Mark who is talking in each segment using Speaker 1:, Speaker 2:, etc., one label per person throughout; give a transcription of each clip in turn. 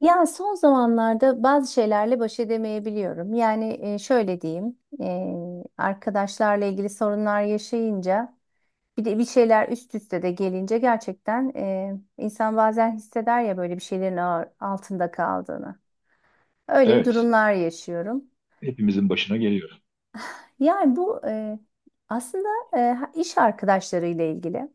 Speaker 1: Ya son zamanlarda bazı şeylerle baş edemeyebiliyorum. Yani şöyle diyeyim, arkadaşlarla ilgili sorunlar yaşayınca, bir de bir şeyler üst üste de gelince gerçekten insan bazen hisseder ya böyle bir şeylerin altında kaldığını. Öyle bir
Speaker 2: Evet.
Speaker 1: durumlar yaşıyorum.
Speaker 2: Hepimizin başına geliyor.
Speaker 1: Yani aslında iş arkadaşlarıyla ilgili.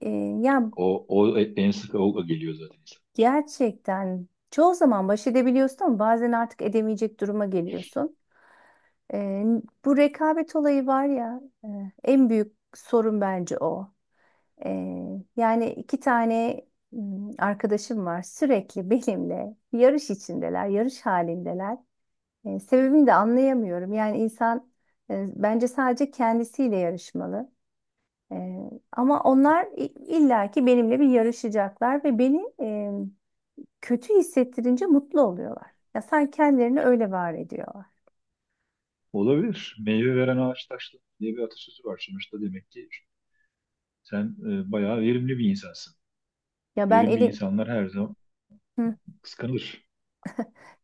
Speaker 1: E, ya
Speaker 2: O en sık o geliyor zaten. İnsan.
Speaker 1: gerçekten çoğu zaman baş edebiliyorsun ama bazen artık edemeyecek duruma geliyorsun. Ee, bu rekabet olayı var ya, en büyük sorun bence o. Yani iki tane arkadaşım var, sürekli benimle yarış içindeler, yarış halindeler. Sebebini de anlayamıyorum. Yani insan, bence sadece kendisiyle yarışmalı. Ee, ama illaki benimle bir yarışacaklar ve beni, kötü hissettirince mutlu oluyorlar. Ya sanki kendilerini öyle var ediyorlar.
Speaker 2: Olabilir. Meyve veren ağaç taşlı diye bir atasözü var. Sonuçta demek ki sen bayağı verimli bir insansın.
Speaker 1: Ya ben
Speaker 2: Verimli
Speaker 1: elim...
Speaker 2: insanlar her zaman kıskanılır.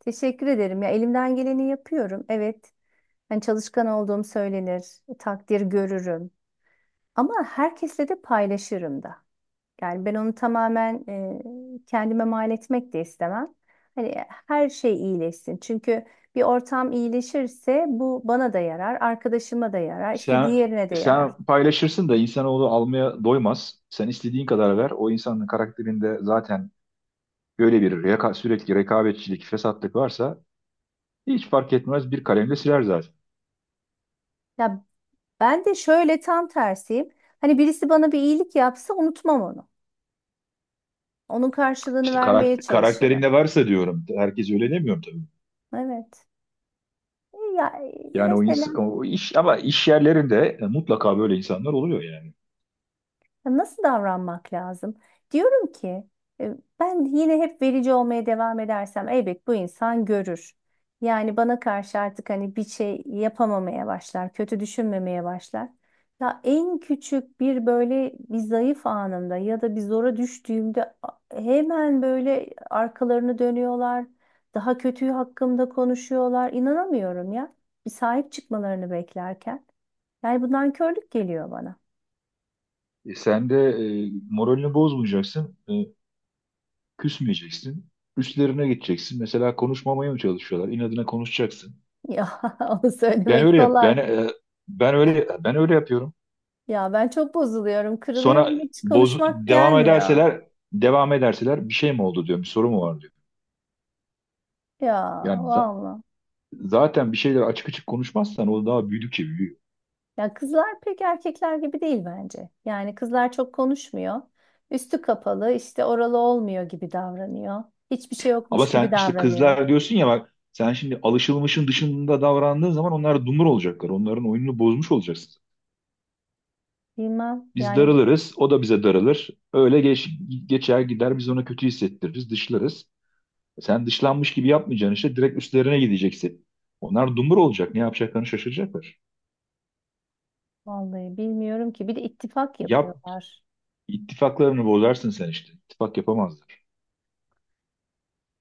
Speaker 1: Teşekkür ederim. Ya elimden geleni yapıyorum. Evet. Hani çalışkan olduğum söylenir, takdir görürüm. Ama herkesle de paylaşırım da. Yani ben onu tamamen, kendime mal etmek de istemem. Hani her şey iyileşsin. Çünkü bir ortam iyileşirse bu bana da yarar, arkadaşıma da yarar, işte
Speaker 2: Sen
Speaker 1: diğerine de yarar.
Speaker 2: sen paylaşırsın da insanoğlu almaya doymaz. Sen istediğin kadar ver. O insanın karakterinde zaten böyle sürekli rekabetçilik, fesatlık varsa hiç fark etmez, bir kalemle siler zaten.
Speaker 1: Ya ben de şöyle tam tersiyim. Hani birisi bana bir iyilik yapsa unutmam onu. Onun karşılığını
Speaker 2: İşte
Speaker 1: vermeye çalışırım.
Speaker 2: karakterinde varsa diyorum. Herkes öyle demiyorum tabii.
Speaker 1: Evet. Ya,
Speaker 2: Yani
Speaker 1: mesela
Speaker 2: o iş, ama iş yerlerinde mutlaka böyle insanlar oluyor yani.
Speaker 1: ya, nasıl davranmak lazım? Diyorum ki, e, ben yine hep verici olmaya devam edersem elbet bu insan görür. Yani bana karşı artık hani bir şey yapamamaya başlar, kötü düşünmemeye başlar. Ya en küçük bir böyle bir zayıf anımda ya da bir zora düştüğümde hemen böyle arkalarını dönüyorlar. Daha kötüyü hakkımda konuşuyorlar. İnanamıyorum ya. Bir sahip çıkmalarını beklerken. Yani bundan körlük geliyor bana.
Speaker 2: Sen de moralini bozmayacaksın, küsmeyeceksin. Üstlerine gideceksin. Mesela konuşmamaya mı çalışıyorlar? İnadına konuşacaksın.
Speaker 1: Ya onu
Speaker 2: Ben
Speaker 1: söylemek
Speaker 2: öyle yap.
Speaker 1: kolay.
Speaker 2: Ben öyle ben öyle yapıyorum.
Speaker 1: Ya ben çok bozuluyorum,
Speaker 2: Sonra
Speaker 1: kırılıyorum, hiç konuşmak
Speaker 2: devam
Speaker 1: gelmiyor.
Speaker 2: ederseler devam ederseler, bir şey mi oldu diyorum. Bir soru mu var diyor.
Speaker 1: Ya
Speaker 2: Yani
Speaker 1: valla.
Speaker 2: zaten bir şeyler açık açık konuşmazsan o daha büyüdükçe büyüyor.
Speaker 1: Ya kızlar pek erkekler gibi değil bence. Yani kızlar çok konuşmuyor. Üstü kapalı, işte oralı olmuyor gibi davranıyor. Hiçbir şey
Speaker 2: Ama
Speaker 1: yokmuş gibi
Speaker 2: sen işte
Speaker 1: davranıyor.
Speaker 2: kızlar diyorsun ya, bak sen şimdi alışılmışın dışında davrandığın zaman onlar dumur olacaklar. Onların oyununu bozmuş olacaksın.
Speaker 1: Bilmem
Speaker 2: Biz
Speaker 1: yani,
Speaker 2: darılırız, o da bize darılır. Öyle geçer gider, biz ona kötü hissettiririz, dışlarız. E, sen dışlanmış gibi yapmayacaksın, işte direkt üstlerine gideceksin. Onlar dumur olacak, ne yapacaklarını şaşıracaklar.
Speaker 1: vallahi bilmiyorum ki. Bir de ittifak
Speaker 2: Yap,
Speaker 1: yapıyorlar.
Speaker 2: ittifaklarını bozarsın sen işte. İttifak yapamazlar.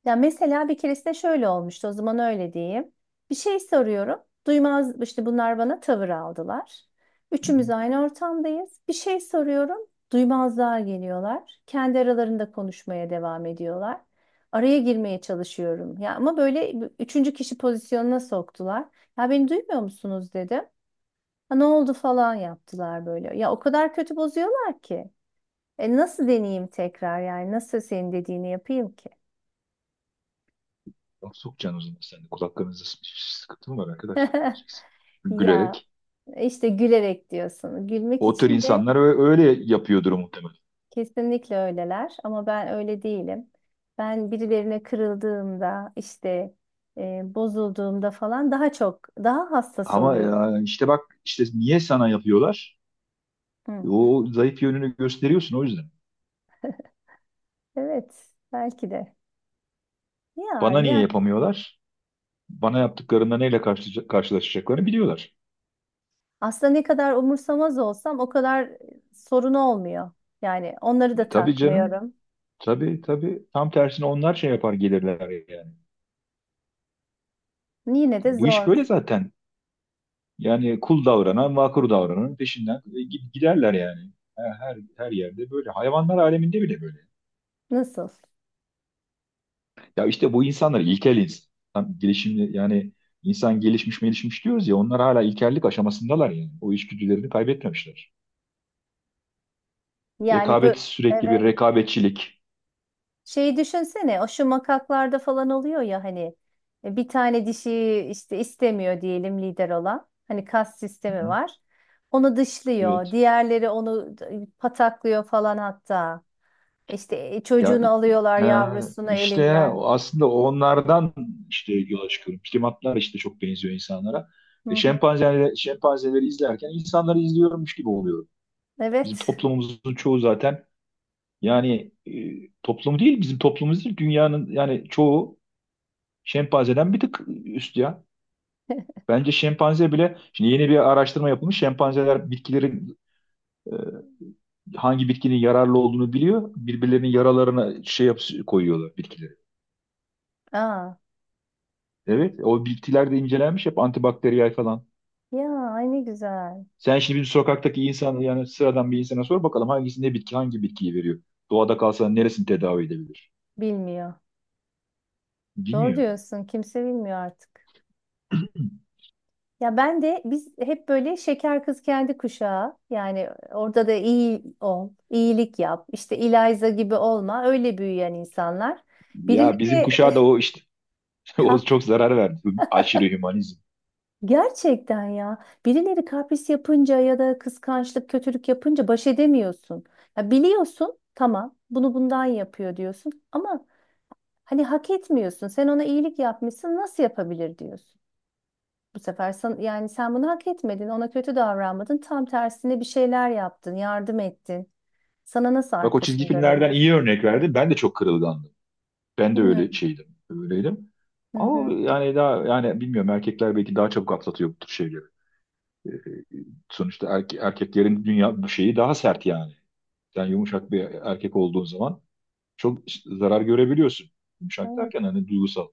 Speaker 1: Ya mesela bir keresinde şöyle olmuştu, o zaman öyle diyeyim. Bir şey soruyorum. Duymaz işte, bunlar bana tavır aldılar.
Speaker 2: Hı hı.
Speaker 1: Üçümüz aynı ortamdayız. Bir şey soruyorum. Duymazlığa geliyorlar. Kendi aralarında konuşmaya devam ediyorlar. Araya girmeye çalışıyorum. Ya ama böyle üçüncü kişi pozisyonuna soktular. Ya beni duymuyor musunuz dedim. Ha ne oldu falan yaptılar böyle. Ya o kadar kötü bozuyorlar ki. E nasıl deneyeyim tekrar, yani nasıl senin dediğini yapayım ki?
Speaker 2: Laf sokacaksın, o zaman sen de kulaklarınızda sıkıntı mı var arkadaşlar diyeceksin.
Speaker 1: Ya,
Speaker 2: Gülerek.
Speaker 1: İşte gülerek diyorsun. Gülmek
Speaker 2: O tür
Speaker 1: için de
Speaker 2: insanlar öyle yapıyordur muhtemelen.
Speaker 1: kesinlikle öyleler, ama ben öyle değilim. Ben birilerine kırıldığımda işte, bozulduğumda falan daha çok, daha hassas
Speaker 2: Ama
Speaker 1: oluyorum.
Speaker 2: ya işte bak, işte niye sana yapıyorlar?
Speaker 1: Hı.
Speaker 2: O zayıf yönünü gösteriyorsun, o yüzden.
Speaker 1: Evet, belki de. Ya
Speaker 2: Bana niye
Speaker 1: ya
Speaker 2: yapamıyorlar? Bana yaptıklarında neyle karşılaşacaklarını biliyorlar.
Speaker 1: aslında ne kadar umursamaz olsam o kadar sorun olmuyor. Yani onları da
Speaker 2: Tabii canım.
Speaker 1: takmıyorum.
Speaker 2: Tabii tabii. Tam tersine onlar şey yapar gelirler yani.
Speaker 1: Yine
Speaker 2: Ya
Speaker 1: de
Speaker 2: bu iş
Speaker 1: zor.
Speaker 2: böyle zaten. Yani kul davranan, vakur davrananın peşinden giderler yani. Her yerde böyle. Hayvanlar aleminde bile böyle.
Speaker 1: Nasıl?
Speaker 2: Ya işte bu insanlar ilkel insan gelişimli, yani insan gelişmiş diyoruz ya, onlar hala ilkellik aşamasındalar yani. O içgüdülerini kaybetmemişler.
Speaker 1: Yani
Speaker 2: Rekabet, sürekli bir
Speaker 1: evet.
Speaker 2: rekabetçilik.
Speaker 1: Şeyi düşünsene, o şu makaklarda falan oluyor ya hani, bir tane dişi işte istemiyor diyelim lider olan. Hani kas
Speaker 2: Hı
Speaker 1: sistemi
Speaker 2: hı.
Speaker 1: var. Onu dışlıyor.
Speaker 2: Evet.
Speaker 1: Diğerleri onu pataklıyor falan hatta. İşte,
Speaker 2: Ya
Speaker 1: çocuğunu
Speaker 2: i-
Speaker 1: alıyorlar,
Speaker 2: ha,
Speaker 1: yavrusunu
Speaker 2: işte
Speaker 1: elinden.
Speaker 2: aslında onlardan işte yola çıkıyorum. Primatlar işte çok benziyor insanlara.
Speaker 1: Hı
Speaker 2: E,
Speaker 1: hı.
Speaker 2: şempanzeleri, şempanzeleri izlerken insanları izliyormuş gibi oluyorum. Bizim
Speaker 1: Evet.
Speaker 2: toplumumuzun çoğu zaten, yani toplumu değil bizim toplumumuz değil, dünyanın yani çoğu şempanzeden bir tık üst ya. Bence şempanze bile, şimdi yeni bir araştırma yapılmış. Şempanzeler bitkilerin e, hangi bitkinin yararlı olduğunu biliyor. Birbirlerinin yaralarına şey yap koyuyorlar bitkileri.
Speaker 1: Aa,
Speaker 2: Evet, o bitkiler de incelenmiş, hep antibakteriyel falan.
Speaker 1: ya ay ne güzel.
Speaker 2: Sen şimdi bir sokaktaki insan, yani sıradan bir insana sor bakalım hangisi ne bitki, hangi bitkiyi veriyor. Doğada kalsa neresini tedavi edebilir?
Speaker 1: Bilmiyor. Doğru
Speaker 2: Bilmiyor.
Speaker 1: diyorsun. Kimse bilmiyor artık. Ya ben de biz hep böyle şeker kız kendi kuşağı, yani orada da iyi ol, iyilik yap, işte Eliza gibi olma, öyle büyüyen insanlar.
Speaker 2: Ya
Speaker 1: Birileri
Speaker 2: bizim
Speaker 1: eh,
Speaker 2: kuşağa da o işte o
Speaker 1: kap
Speaker 2: çok zarar verdi. Aşırı hümanizm.
Speaker 1: gerçekten ya, birileri kapris yapınca ya da kıskançlık, kötülük yapınca baş edemiyorsun. Ya biliyorsun tamam, bunu bundan yapıyor diyorsun ama hani hak etmiyorsun, sen ona iyilik yapmışsın, nasıl yapabilir diyorsun. Bu sefer sen, yani sen bunu hak etmedin, ona kötü davranmadın. Tam tersine bir şeyler yaptın, yardım ettin. Sana nasıl
Speaker 2: Bak, o çizgi
Speaker 1: arkasını
Speaker 2: filmlerden
Speaker 1: dönebilir?
Speaker 2: iyi örnek verdi. Ben de çok kırılgandım. Ben de
Speaker 1: Hı.
Speaker 2: öyle şeydim, öyleydim.
Speaker 1: Hı
Speaker 2: Ama
Speaker 1: hı.
Speaker 2: yani daha yani bilmiyorum, erkekler belki daha çabuk atlatıyor bu tür şeyleri. Sonuçta erkeklerin dünya bu şeyi daha sert yani. Sen yumuşak bir erkek olduğun zaman çok zarar görebiliyorsun. Yumuşak
Speaker 1: Evet,
Speaker 2: derken hani duygusal.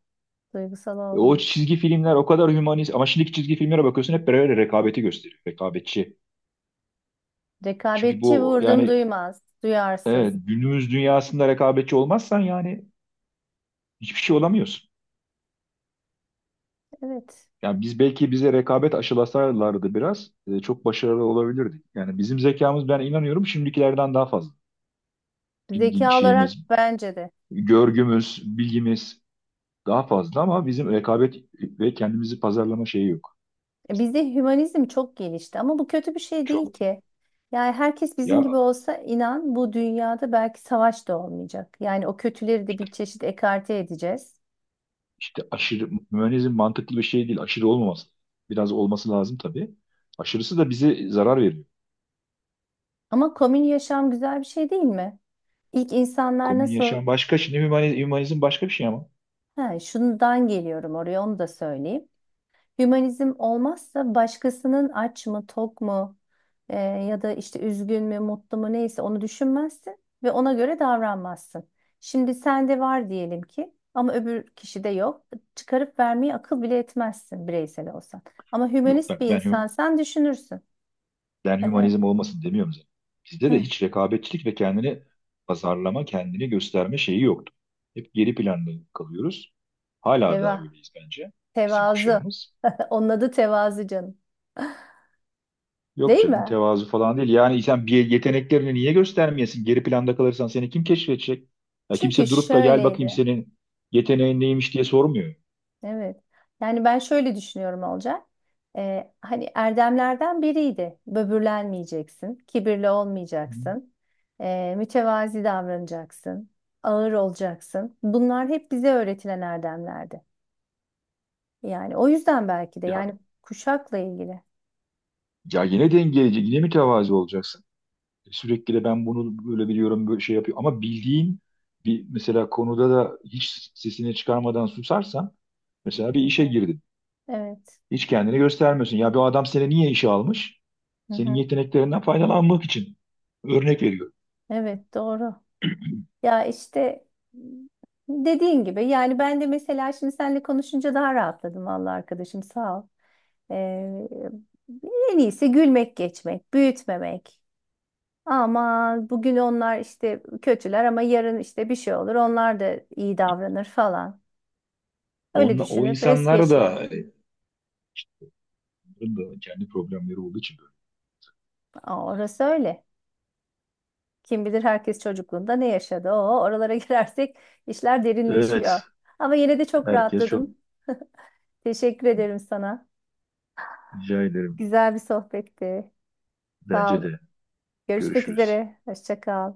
Speaker 1: duygusal
Speaker 2: O
Speaker 1: olmuyor.
Speaker 2: çizgi filmler o kadar hümanist, ama şimdiki çizgi filmlere bakıyorsun hep böyle rekabeti gösteriyor. Rekabetçi. Çünkü
Speaker 1: Rekabetçi,
Speaker 2: bu
Speaker 1: vurdum
Speaker 2: yani
Speaker 1: duymaz,
Speaker 2: evet,
Speaker 1: duyarsız.
Speaker 2: günümüz dünyasında rekabetçi olmazsan yani hiçbir şey olamıyorsun.
Speaker 1: Evet.
Speaker 2: Yani biz belki, bize rekabet aşılasalardı biraz çok başarılı olabilirdik. Yani bizim zekamız, ben inanıyorum şimdikilerden daha fazla. Bilgi
Speaker 1: Zeka olarak
Speaker 2: şeyimiz,
Speaker 1: bence de.
Speaker 2: görgümüz, bilgimiz daha fazla, ama bizim rekabet ve kendimizi pazarlama şeyi yok.
Speaker 1: E, bizde hümanizm çok gelişti ama bu kötü bir şey değil
Speaker 2: Çok
Speaker 1: ki. Yani herkes
Speaker 2: ya
Speaker 1: bizim gibi olsa inan bu dünyada belki savaş da olmayacak. Yani o kötüleri de bir çeşit ekarte edeceğiz.
Speaker 2: işte aşırı mühendizm mantıklı bir şey değil. Aşırı olmaması. Biraz olması lazım tabii. Aşırısı da bize zarar veriyor.
Speaker 1: Ama komün yaşam güzel bir şey değil mi? İlk insanlar
Speaker 2: Komün
Speaker 1: nasıl?
Speaker 2: yaşam başka. Şimdi hümanizm, hümanizm başka bir şey ama.
Speaker 1: Ha, şundan geliyorum oraya, onu da söyleyeyim. Hümanizm olmazsa başkasının aç mı, tok mu, ya da işte üzgün mü, mutlu mu, neyse onu düşünmezsin ve ona göre davranmazsın. Şimdi sende var diyelim ki ama öbür kişide yok. Çıkarıp vermeyi akıl bile etmezsin bireysel olsan. Ama
Speaker 2: Yok
Speaker 1: hümanist bir
Speaker 2: bak,
Speaker 1: insan düşünürsün. Böyle,
Speaker 2: hümanizm olmasın demiyorum zaten. Bizde de
Speaker 1: hı,
Speaker 2: hiç rekabetçilik ve kendini pazarlama, kendini gösterme şeyi yoktu. Hep geri planda kalıyoruz. Hala da
Speaker 1: teva,
Speaker 2: öyleyiz bence, bizim
Speaker 1: tevazu.
Speaker 2: kuşağımız.
Speaker 1: Onun adı tevazu canım.
Speaker 2: Yok
Speaker 1: Değil
Speaker 2: canım,
Speaker 1: mi?
Speaker 2: tevazu falan değil. Yani sen bir yeteneklerini niye göstermeyesin? Geri planda kalırsan seni kim keşfedecek? Ya
Speaker 1: Çünkü
Speaker 2: kimse durup da gel bakayım
Speaker 1: şöyleydi.
Speaker 2: senin yeteneğin neymiş diye sormuyor.
Speaker 1: Evet. Yani ben şöyle düşünüyorum Olcay. Hani erdemlerden biriydi. Böbürlenmeyeceksin, kibirli
Speaker 2: Hı.
Speaker 1: olmayacaksın, mütevazi davranacaksın, ağır olacaksın. Bunlar hep bize öğretilen erdemlerdi. Yani o yüzden belki de,
Speaker 2: Ya,
Speaker 1: yani kuşakla ilgili.
Speaker 2: ya yine dengeleyici, yine mütevazi olacaksın. Sürekli de ben bunu böyle biliyorum, böyle şey yapıyor. Ama bildiğin bir mesela konuda da hiç sesini çıkarmadan susarsan, mesela bir
Speaker 1: Hı
Speaker 2: işe
Speaker 1: hı.
Speaker 2: girdin.
Speaker 1: Evet.
Speaker 2: Hiç kendini göstermiyorsun. Ya bu adam seni niye işe almış?
Speaker 1: Hı
Speaker 2: Senin
Speaker 1: hı.
Speaker 2: yeteneklerinden faydalanmak için. Örnek veriyor.
Speaker 1: Evet, doğru. Ya işte dediğin gibi, yani ben de mesela şimdi seninle konuşunca daha rahatladım vallahi, arkadaşım sağ ol. Ee, en iyisi gülmek, geçmek, büyütmemek. Ama bugün onlar işte kötüler, ama yarın işte bir şey olur, onlar da iyi davranır falan. Öyle
Speaker 2: O
Speaker 1: düşünüp es
Speaker 2: insanlar da,
Speaker 1: geçmek.
Speaker 2: bunların da kendi problemleri olduğu için böyle.
Speaker 1: Aa, orası öyle. Kim bilir herkes çocukluğunda ne yaşadı. Oo, oralara girersek işler derinleşiyor.
Speaker 2: Evet.
Speaker 1: Ama yine de çok
Speaker 2: Herkes çok
Speaker 1: rahatladım. Teşekkür ederim sana.
Speaker 2: rica ederim.
Speaker 1: Güzel bir sohbetti. Sağ
Speaker 2: Bence
Speaker 1: ol.
Speaker 2: de.
Speaker 1: Görüşmek
Speaker 2: Görüşürüz.
Speaker 1: üzere. Hoşça kal.